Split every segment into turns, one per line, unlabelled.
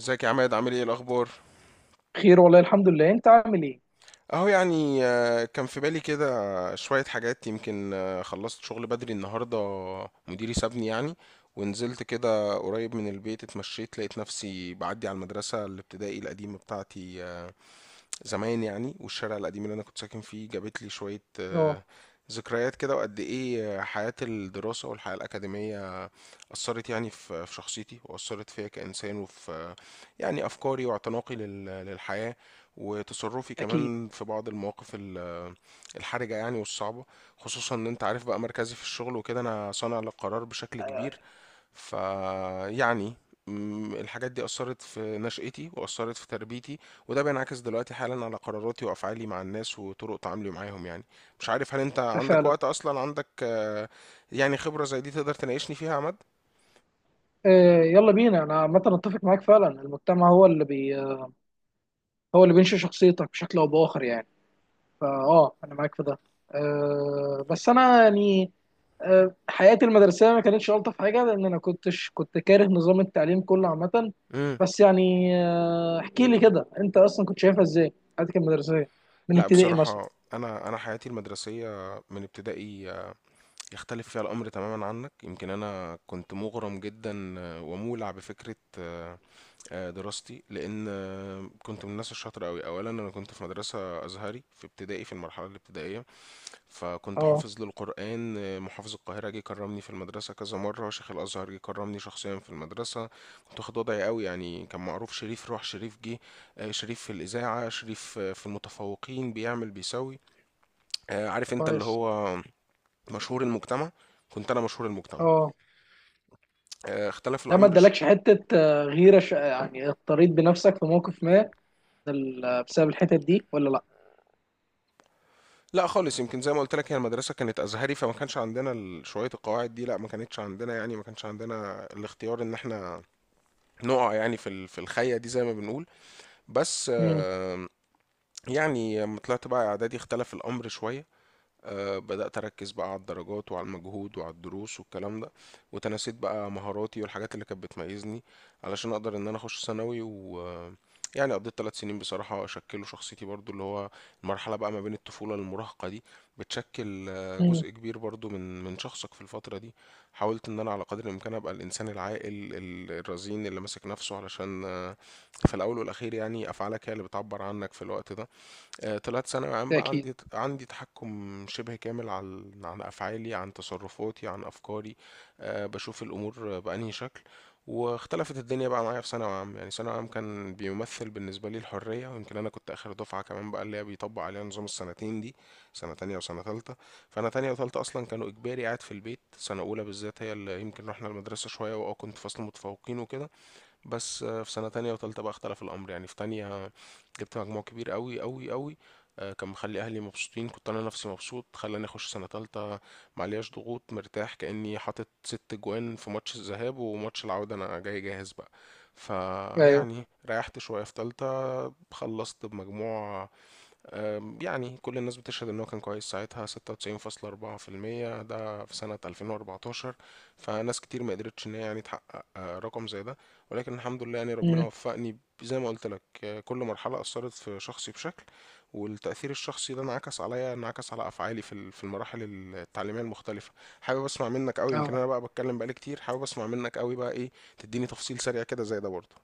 ازيك يا عماد عامل ايه الاخبار.
خير والله، الحمد لله. انت عامل ايه؟
اهو يعني كان في بالي كده شوية حاجات، يمكن خلصت شغل بدري النهاردة، مديري سابني يعني. ونزلت كده قريب من البيت، اتمشيت لقيت نفسي بعدي على المدرسة الابتدائي القديمة بتاعتي زمان يعني، والشارع القديم اللي انا كنت ساكن فيه جابت لي شوية
اه.
ذكريات كده. وقد ايه حياة الدراسة والحياة الأكاديمية أثرت يعني في شخصيتي، وأثرت فيا كإنسان، وفي يعني أفكاري واعتناقي للحياة، وتصرفي
اكيد.
كمان في بعض المواقف الحرجة يعني والصعبة، خصوصا إن أنت عارف بقى مركزي في الشغل، وكده أنا صانع للقرار بشكل
آه،
كبير. فيعني الحاجات دي أثرت في نشأتي وأثرت في تربيتي، وده بينعكس دلوقتي حالا على قراراتي وأفعالي مع الناس وطرق تعاملي معاهم يعني. مش عارف، هل أنت
ده
عندك
فعلا.
وقت أصلا؟ عندك يعني خبرة زي دي تقدر تناقشني فيها يا عماد؟
يلا بينا. انا عامه اتفق معاك فعلا، المجتمع هو اللي بينشئ شخصيتك بشكل او باخر يعني. فاه انا معاك في ده. بس انا يعني حياتي المدرسيه ما كانتش الطف حاجه لان انا كنت كاره نظام التعليم كله عامه. بس يعني احكي لي كده انت اصلا كنت شايفها ازاي، حياتك المدرسيه، من
لا
ابتدائي مثلا.
بصراحة، أنا حياتي المدرسية من ابتدائي يختلف فيها الأمر تماما عنك. يمكن أنا كنت مغرم جدا ومولع بفكرة دراستي، لان كنت من الناس الشاطره قوي. اولا انا كنت في مدرسه ازهري في ابتدائي، في المرحله الابتدائيه، فكنت
اه.
حافظ للقران. محافظ القاهره جه كرمني في المدرسه كذا مره، شيخ الازهر جه كرمني شخصيا في المدرسه، كنت واخد وضعي قوي يعني. كان معروف شريف، روح شريف جه شريف في الاذاعه، شريف في المتفوقين بيعمل بيسوي عارف انت اللي
كويس.
هو مشهور المجتمع، كنت انا مشهور المجتمع.
اه.
اختلف
ده ما
الامر.
ادالكش حته آه، غيره ش... آه، يعني اضطريت بنفسك في موقف ما بسبب الحتت دي ولا لا؟
لأ خالص، يمكن زي ما قُلت لك هي المدرسة كانت أزهري، فما كانش عندنا ال شوية القواعد دي، لأ، ما كانتش عندنا يعني، ما كانش عندنا الاختيار إن إحنا نُقع يعني ال في الخَيّة دي زي ما بنقول، بس
امم.
يعني أمّا طلعت بقى إعدادي اختلف الأمر شوية. بدأت أركز بقى على الدرجات وعلى المجهود وعلى الدروس والكلام ده، وتناسيت بقى مهاراتي والحاجات اللي كانت بتميزني علشان أقدر إن أنا أخش ثانوي. و يعني قضيت ثلاث سنين بصراحة شكلوا شخصيتي برضو، اللي هو المرحلة بقى ما بين الطفولة للمراهقة دي بتشكل
امم.
جزء كبير برضو من شخصك في الفترة دي. حاولت إن أنا على قدر الإمكان أبقى الإنسان العاقل الرزين اللي ماسك نفسه، علشان في الأول والأخير يعني أفعالك هي اللي بتعبر عنك في الوقت ده. طلعت ثانوي عام
ده
بقى،
اكيد.
عندي تحكم شبه كامل عن افعالي، عن تصرفاتي، عن افكاري، بشوف الامور بانهي شكل. واختلفت الدنيا بقى معايا في ثانوي عام، يعني ثانوي عام كان بيمثل بالنسبه لي الحريه. ويمكن انا كنت اخر دفعه كمان بقى اللي هي بيطبق عليها نظام السنتين دي، سنه تانية وسنه تالتة. فانا تانية وتالتة اصلا كانوا اجباري قاعد في البيت، سنه اولى بالذات هي اللي يمكن رحنا المدرسه شويه، واه كنت فصل متفوقين وكده. بس في سنة تانية وتالتة بقى اختلف الأمر. يعني في تانية جبت مجموع كبير قوي قوي قوي، كان مخلي أهلي مبسوطين، كنت أنا نفسي مبسوط، خلاني أخش سنة تالتة معلياش ضغوط مرتاح كأني حاطط ست جوان في ماتش الذهاب وماتش العودة، أنا جاي جاهز بقى.
ايوه.
فيعني ريحت شوية في تالتة، خلصت بمجموع يعني كل الناس بتشهد ان هو كان كويس ساعتها، 96.4%، ده في سنة 2014، فناس كتير ما قدرتش ان هي يعني تحقق رقم زي ده. ولكن الحمد لله يعني ربنا
امم.
وفقني، زي ما قلت لك كل مرحلة أثرت في شخصي بشكل، والتأثير الشخصي ده انعكس عليا، انعكس على أفعالي في في المراحل التعليمية المختلفة. حابب أسمع منك قوي، يمكن
اه.
أنا بقى بتكلم بقالي كتير، حابب أسمع منك قوي بقى إيه تديني تفصيل سريع كده زي ده برضه.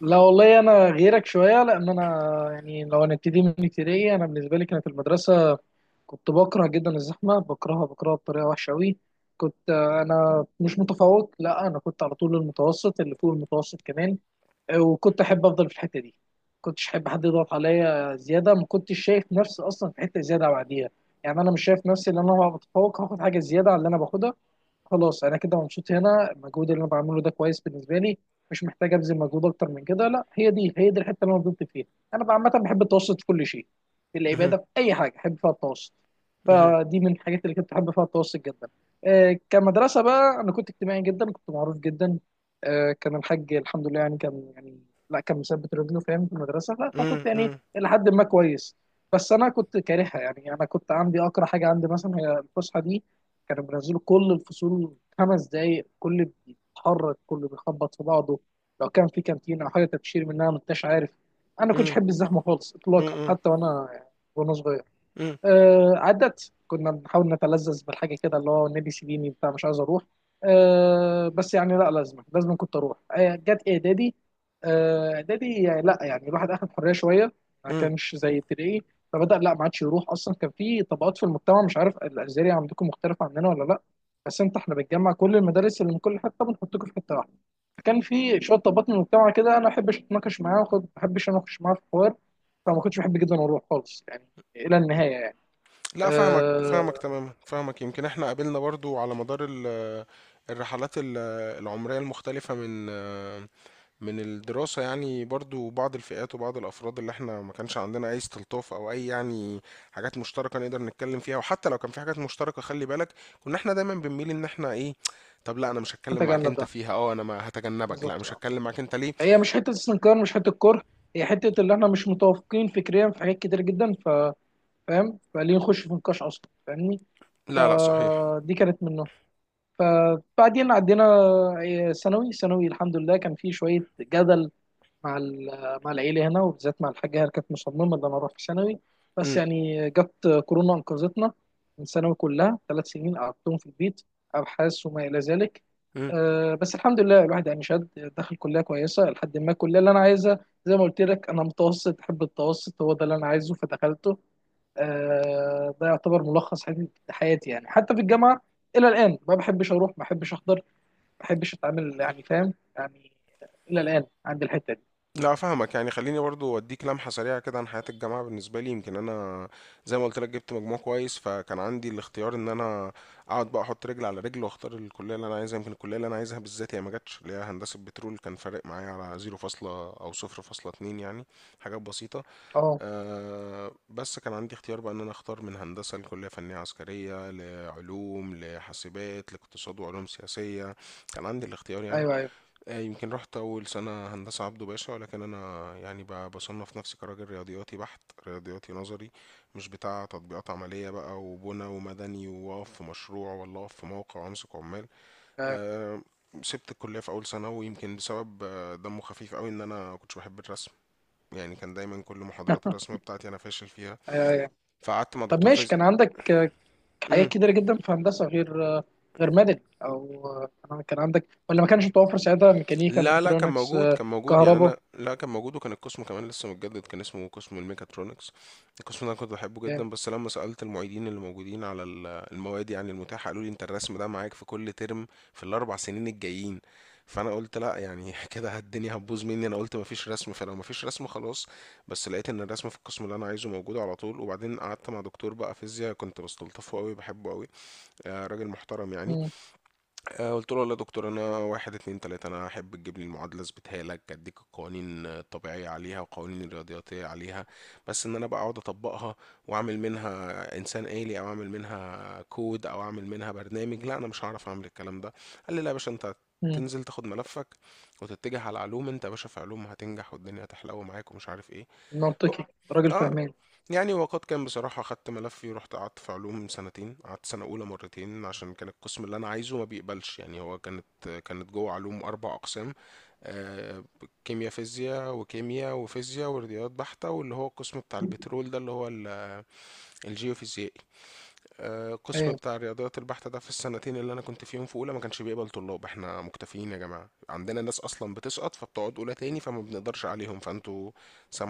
لا والله، انا غيرك شويه لان انا يعني لو هنبتدي من ابتدائي، انا بالنسبه لي كانت المدرسه، كنت بكره جدا الزحمه، بكرهها بكرهها بطريقه وحشه قوي. كنت انا مش متفوق، لا انا كنت على طول المتوسط اللي فوق المتوسط كمان، وكنت احب افضل في الحته دي. كنتش احب حد يضغط عليا زياده، ما كنتش شايف نفسي اصلا في حته زياده بعديها. يعني انا مش شايف نفسي ان انا هبقى متفوق هاخد حاجه زياده على اللي انا باخدها، خلاص انا كده مبسوط هنا. المجهود اللي انا بعمله ده كويس بالنسبه لي، مش محتاج ابذل مجهود اكتر من كده، لا، هي دي هي دي الحته اللي انا فضلت فيها. انا عامه بحب التوسط في كل شيء، في
مهم.
العباده، في اي حاجه بحب فيها التوسط.
مهم.
فدي من الحاجات اللي كنت بحب فيها التوسط جدا. كمدرسه بقى، انا كنت اجتماعي جدا، كنت معروف جدا. كان الحاج الحمد لله يعني كان يعني، لا كان مثبت رجله فاهم في المدرسه فكنت
مم.
يعني
مم.
الى حد ما كويس. بس انا كنت كارهها، يعني انا كنت عندي اقرا حاجه عندي مثلا هي الفسحه دي، كانوا بينزلوا كل الفصول 5 دقايق، كل بيتحرك كله بيخبط في بعضه، لو كان في كانتين او حاجه تبشير منها ما انتش عارف. انا كنتش
مم.
احب الزحمه خالص اطلاقا،
مم.
حتى وانا صغير.
مم.
عدت كنا بنحاول نتلذذ بالحاجه كده اللي هو نادي سيديني بتاع، مش عايز اروح. بس يعني، لا لازم لازم كنت اروح. جت اعدادي. اعدادي يعني لا يعني الواحد اخد حريه شويه، ما
مم.
كانش زي ابتدائي. فبدا لا ما عادش يروح اصلا. كان في طبقات في المجتمع، مش عارف الازهري عندكم مختلفه عننا ولا لا، بس انت احنا بنجمع كل المدارس اللي من كل حته بنحطكم في حته واحده. كان في شويه طبقات من المجتمع كده انا ما احبش اتناقش معاهم، ما احبش اناقش معاهم في حوار، فما كنتش بحب جدا اروح خالص يعني، الى النهايه يعني.
لا فاهمك، فاهمك
آه،
تماما، فاهمك. يمكن احنا قابلنا برضو على مدار الرحلات العمرية المختلفة من الدراسة، يعني برضو بعض الفئات وبعض الأفراد اللي احنا ما كانش عندنا أي استلطاف أو أي يعني حاجات مشتركة نقدر نتكلم فيها. وحتى لو كان في حاجات مشتركة، خلي بالك، كنا احنا دايما بنميل إن احنا إيه، طب لا أنا مش هتكلم معاك
نتجنب
أنت
ده،
فيها، أه أنا ما هتجنبك، لا
بالظبط
مش
اه.
هتكلم معاك أنت ليه.
هي مش حته استنكار مش حته كره، هي حته اللي احنا مش متوافقين فكريا في حاجات كتير جدا. ف فاهم، فليه نخش في نقاش اصلا، فاهمني.
لا لا صحيح.
فدي كانت منه. فبعدين عدينا ثانوي. ثانوي الحمد لله كان فيه شويه جدل مع مع العيله هنا، وبالذات مع الحاجه، هي كانت مصممه ان انا اروح في ثانوي، بس
امم.
يعني جت كورونا انقذتنا من ثانوي، كلها 3 سنين قعدتهم في البيت، ابحاث وما الى ذلك.
إمم.
بس الحمد لله الواحد يعني شاد، دخل كليه كويسه، لحد ما الكليه اللي انا عايزها زي ما قلت لك، انا متوسط احب التوسط هو ده اللي انا عايزه فدخلته. ده يعتبر ملخص حياتي حياتي، يعني حتى في الجامعه الى الان ما بحبش اروح، ما بحبش احضر، ما بحبش اتعامل يعني فاهم يعني، الى الان عند الحته دي.
لا فاهمك. يعني خليني برضو اديك لمحة سريعة كده عن حياة الجامعة بالنسبة لي. يمكن انا زي ما قلت لك جبت مجموع كويس، فكان عندي الاختيار ان انا اقعد بقى احط رجل على رجل واختار الكلية اللي انا عايزها. يمكن الكلية اللي انا عايزها بالذات هي ما جاتش، اللي هي هندسة بترول، كان فارق معايا على 0 فاصلة او 0 فاصلة 2 يعني، حاجات بسيطة.
اه.
أه بس كان عندي اختيار بقى ان انا اختار من هندسة لكلية فنية عسكرية لعلوم لحاسبات لاقتصاد وعلوم سياسية، كان عندي الاختيار يعني.
ايوه، ايوه.
يمكن رحت أول سنة هندسة عبده باشا، ولكن أنا يعني بصنف نفسي كراجل رياضياتي بحت، رياضياتي نظري، مش بتاع تطبيقات عملية بقى وبنى ومدني وأقف في مشروع ولا أقف في موقع وأمسك عمال.
ايوه،
آه، سبت الكلية في أول سنة، ويمكن بسبب دمه خفيف قوي إن أنا كنتش بحب الرسم، يعني كان دايما كل محاضرات الرسم بتاعتي أنا فاشل فيها،
ايوه، أيوة.
فقعدت مع
طب
دكتور
ماشي،
فيزياء.
كان عندك حاجات كتيرة جدا في هندسة غير غير مدني، او كان كان عندك ولا ما كانش متوفر ساعتها، ميكانيكا،
لا لا كان
ميكاترونكس،
موجود، كان موجود يعني،
كهرباء؟
انا لا كان موجود، وكان القسم كمان لسه متجدد، كان اسمه قسم الميكاترونكس. القسم ده انا كنت بحبه جدا،
جامد.
بس لما سألت المعيدين اللي موجودين على المواد يعني المتاحة، قالوا لي انت الرسم ده معاك في كل ترم في الاربع سنين الجايين، فانا قلت لا يعني كده الدنيا هتبوظ مني، انا قلت مفيش رسم، فلو مفيش رسم خلاص. بس لقيت ان الرسم في القسم اللي انا عايزه موجود على طول. وبعدين قعدت مع دكتور بقى فيزياء كنت بستلطفه قوي، بحبه قوي، راجل محترم يعني.
مم.
قلت له والله يا دكتور انا واحد اتنين تلاتة، انا احب تجيب لي المعادلة اثبتها لك، اديك القوانين الطبيعية عليها والقوانين الرياضياتية عليها، بس ان انا بقى اقعد اطبقها واعمل منها انسان آلي او اعمل منها كود او اعمل منها برنامج، لا انا مش هعرف اعمل الكلام ده. قال لي لا يا باشا، انت
مم.
تنزل تاخد ملفك وتتجه على علوم، انت يا باشا في علوم هتنجح والدنيا هتحلو معاك ومش عارف ايه.
منطقي، راجل
اه
فهمان.
يعني وقد كان بصراحة، خدت ملفي ورحت قعدت في علوم سنتين، قعدت سنة أولى مرتين عشان كان القسم اللي أنا عايزه ما بيقبلش. يعني هو كانت، كانت جوه علوم أربع أقسام، آه، كيمياء فيزياء وكيمياء وفيزياء ورياضيات بحتة، واللي هو القسم بتاع البترول ده اللي هو الجيوفيزيائي. القسم
ايوه،
بتاع الرياضيات البحتة ده في السنتين اللي انا كنت فيهم في اولى ما كانش بيقبل طلاب، احنا مكتفيين يا جماعة، عندنا ناس اصلا بتسقط فبتقعد اولى تاني فما بنقدرش عليهم فانتوا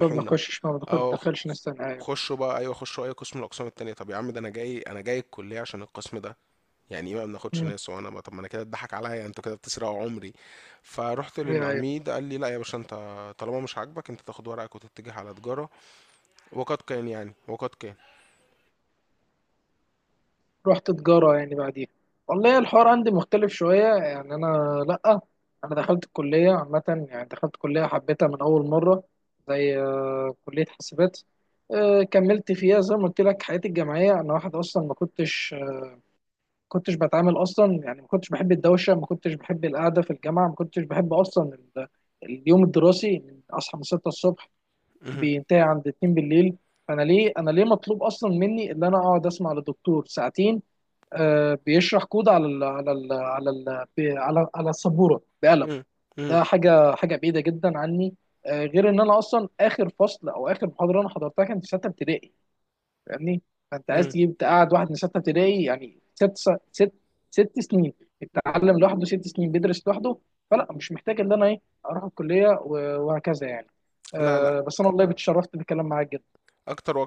ما بنخشش ما
اه
بندخلش ناس تانية ايوه.
خشوا بقى، ايوه خشوا اي قسم من الاقسام التانية. طب يا عم ده انا جاي، انا جاي الكلية عشان القسم ده، يعني ايه ما بناخدش
مم.
ناس؟ وانا بقى- طب ما انا كده اتضحك عليا، انتوا كده بتسرقوا عمري. فرحت
ايوه، أيوة.
للعميد قال لي لا يا باشا انت طالما مش عاجبك انت تاخد ورقك وتتجه على تجارة، وقد كان يعني، وقد كان.
رحت تجارة يعني بعديها؟ والله الحوار عندي مختلف شوية يعني أنا، لأ، أنا دخلت الكلية عامة يعني دخلت كلية حبيتها من أول مرة، زي كلية حاسبات. كملت فيها زي ما قلت لك حياتي الجامعية. أنا واحد أصلا ما كنتش ما كنتش بتعامل أصلا يعني ما كنتش بحب الدوشة، ما كنتش بحب القعدة في الجامعة، ما كنتش بحب أصلا اليوم الدراسي من أصحى من 6 الصبح
مهم.
بينتهي عند 2 بالليل. فأنا ليه، أنا ليه مطلوب أصلا مني إن أنا أقعد أسمع لدكتور ساعتين بيشرح كود على ال على ال على ال بي- على على السبوره بقلم؟
مهم.
ده حاجه حاجه بعيده جدا عني. غير ان انا اصلا اخر فصل او اخر محاضره انا حضرتها كانت في سته ابتدائي، فاهمني؟ فانت عايز
مهم.
تجيب تقعد واحد من سته ابتدائي يعني 6 سنين بيتعلم لوحده، 6 سنين بيدرس لوحده. فلا مش محتاج ان انا ايه اروح الكليه وهكذا يعني. بس انا والله اتشرفت بالكلام معاك جدا.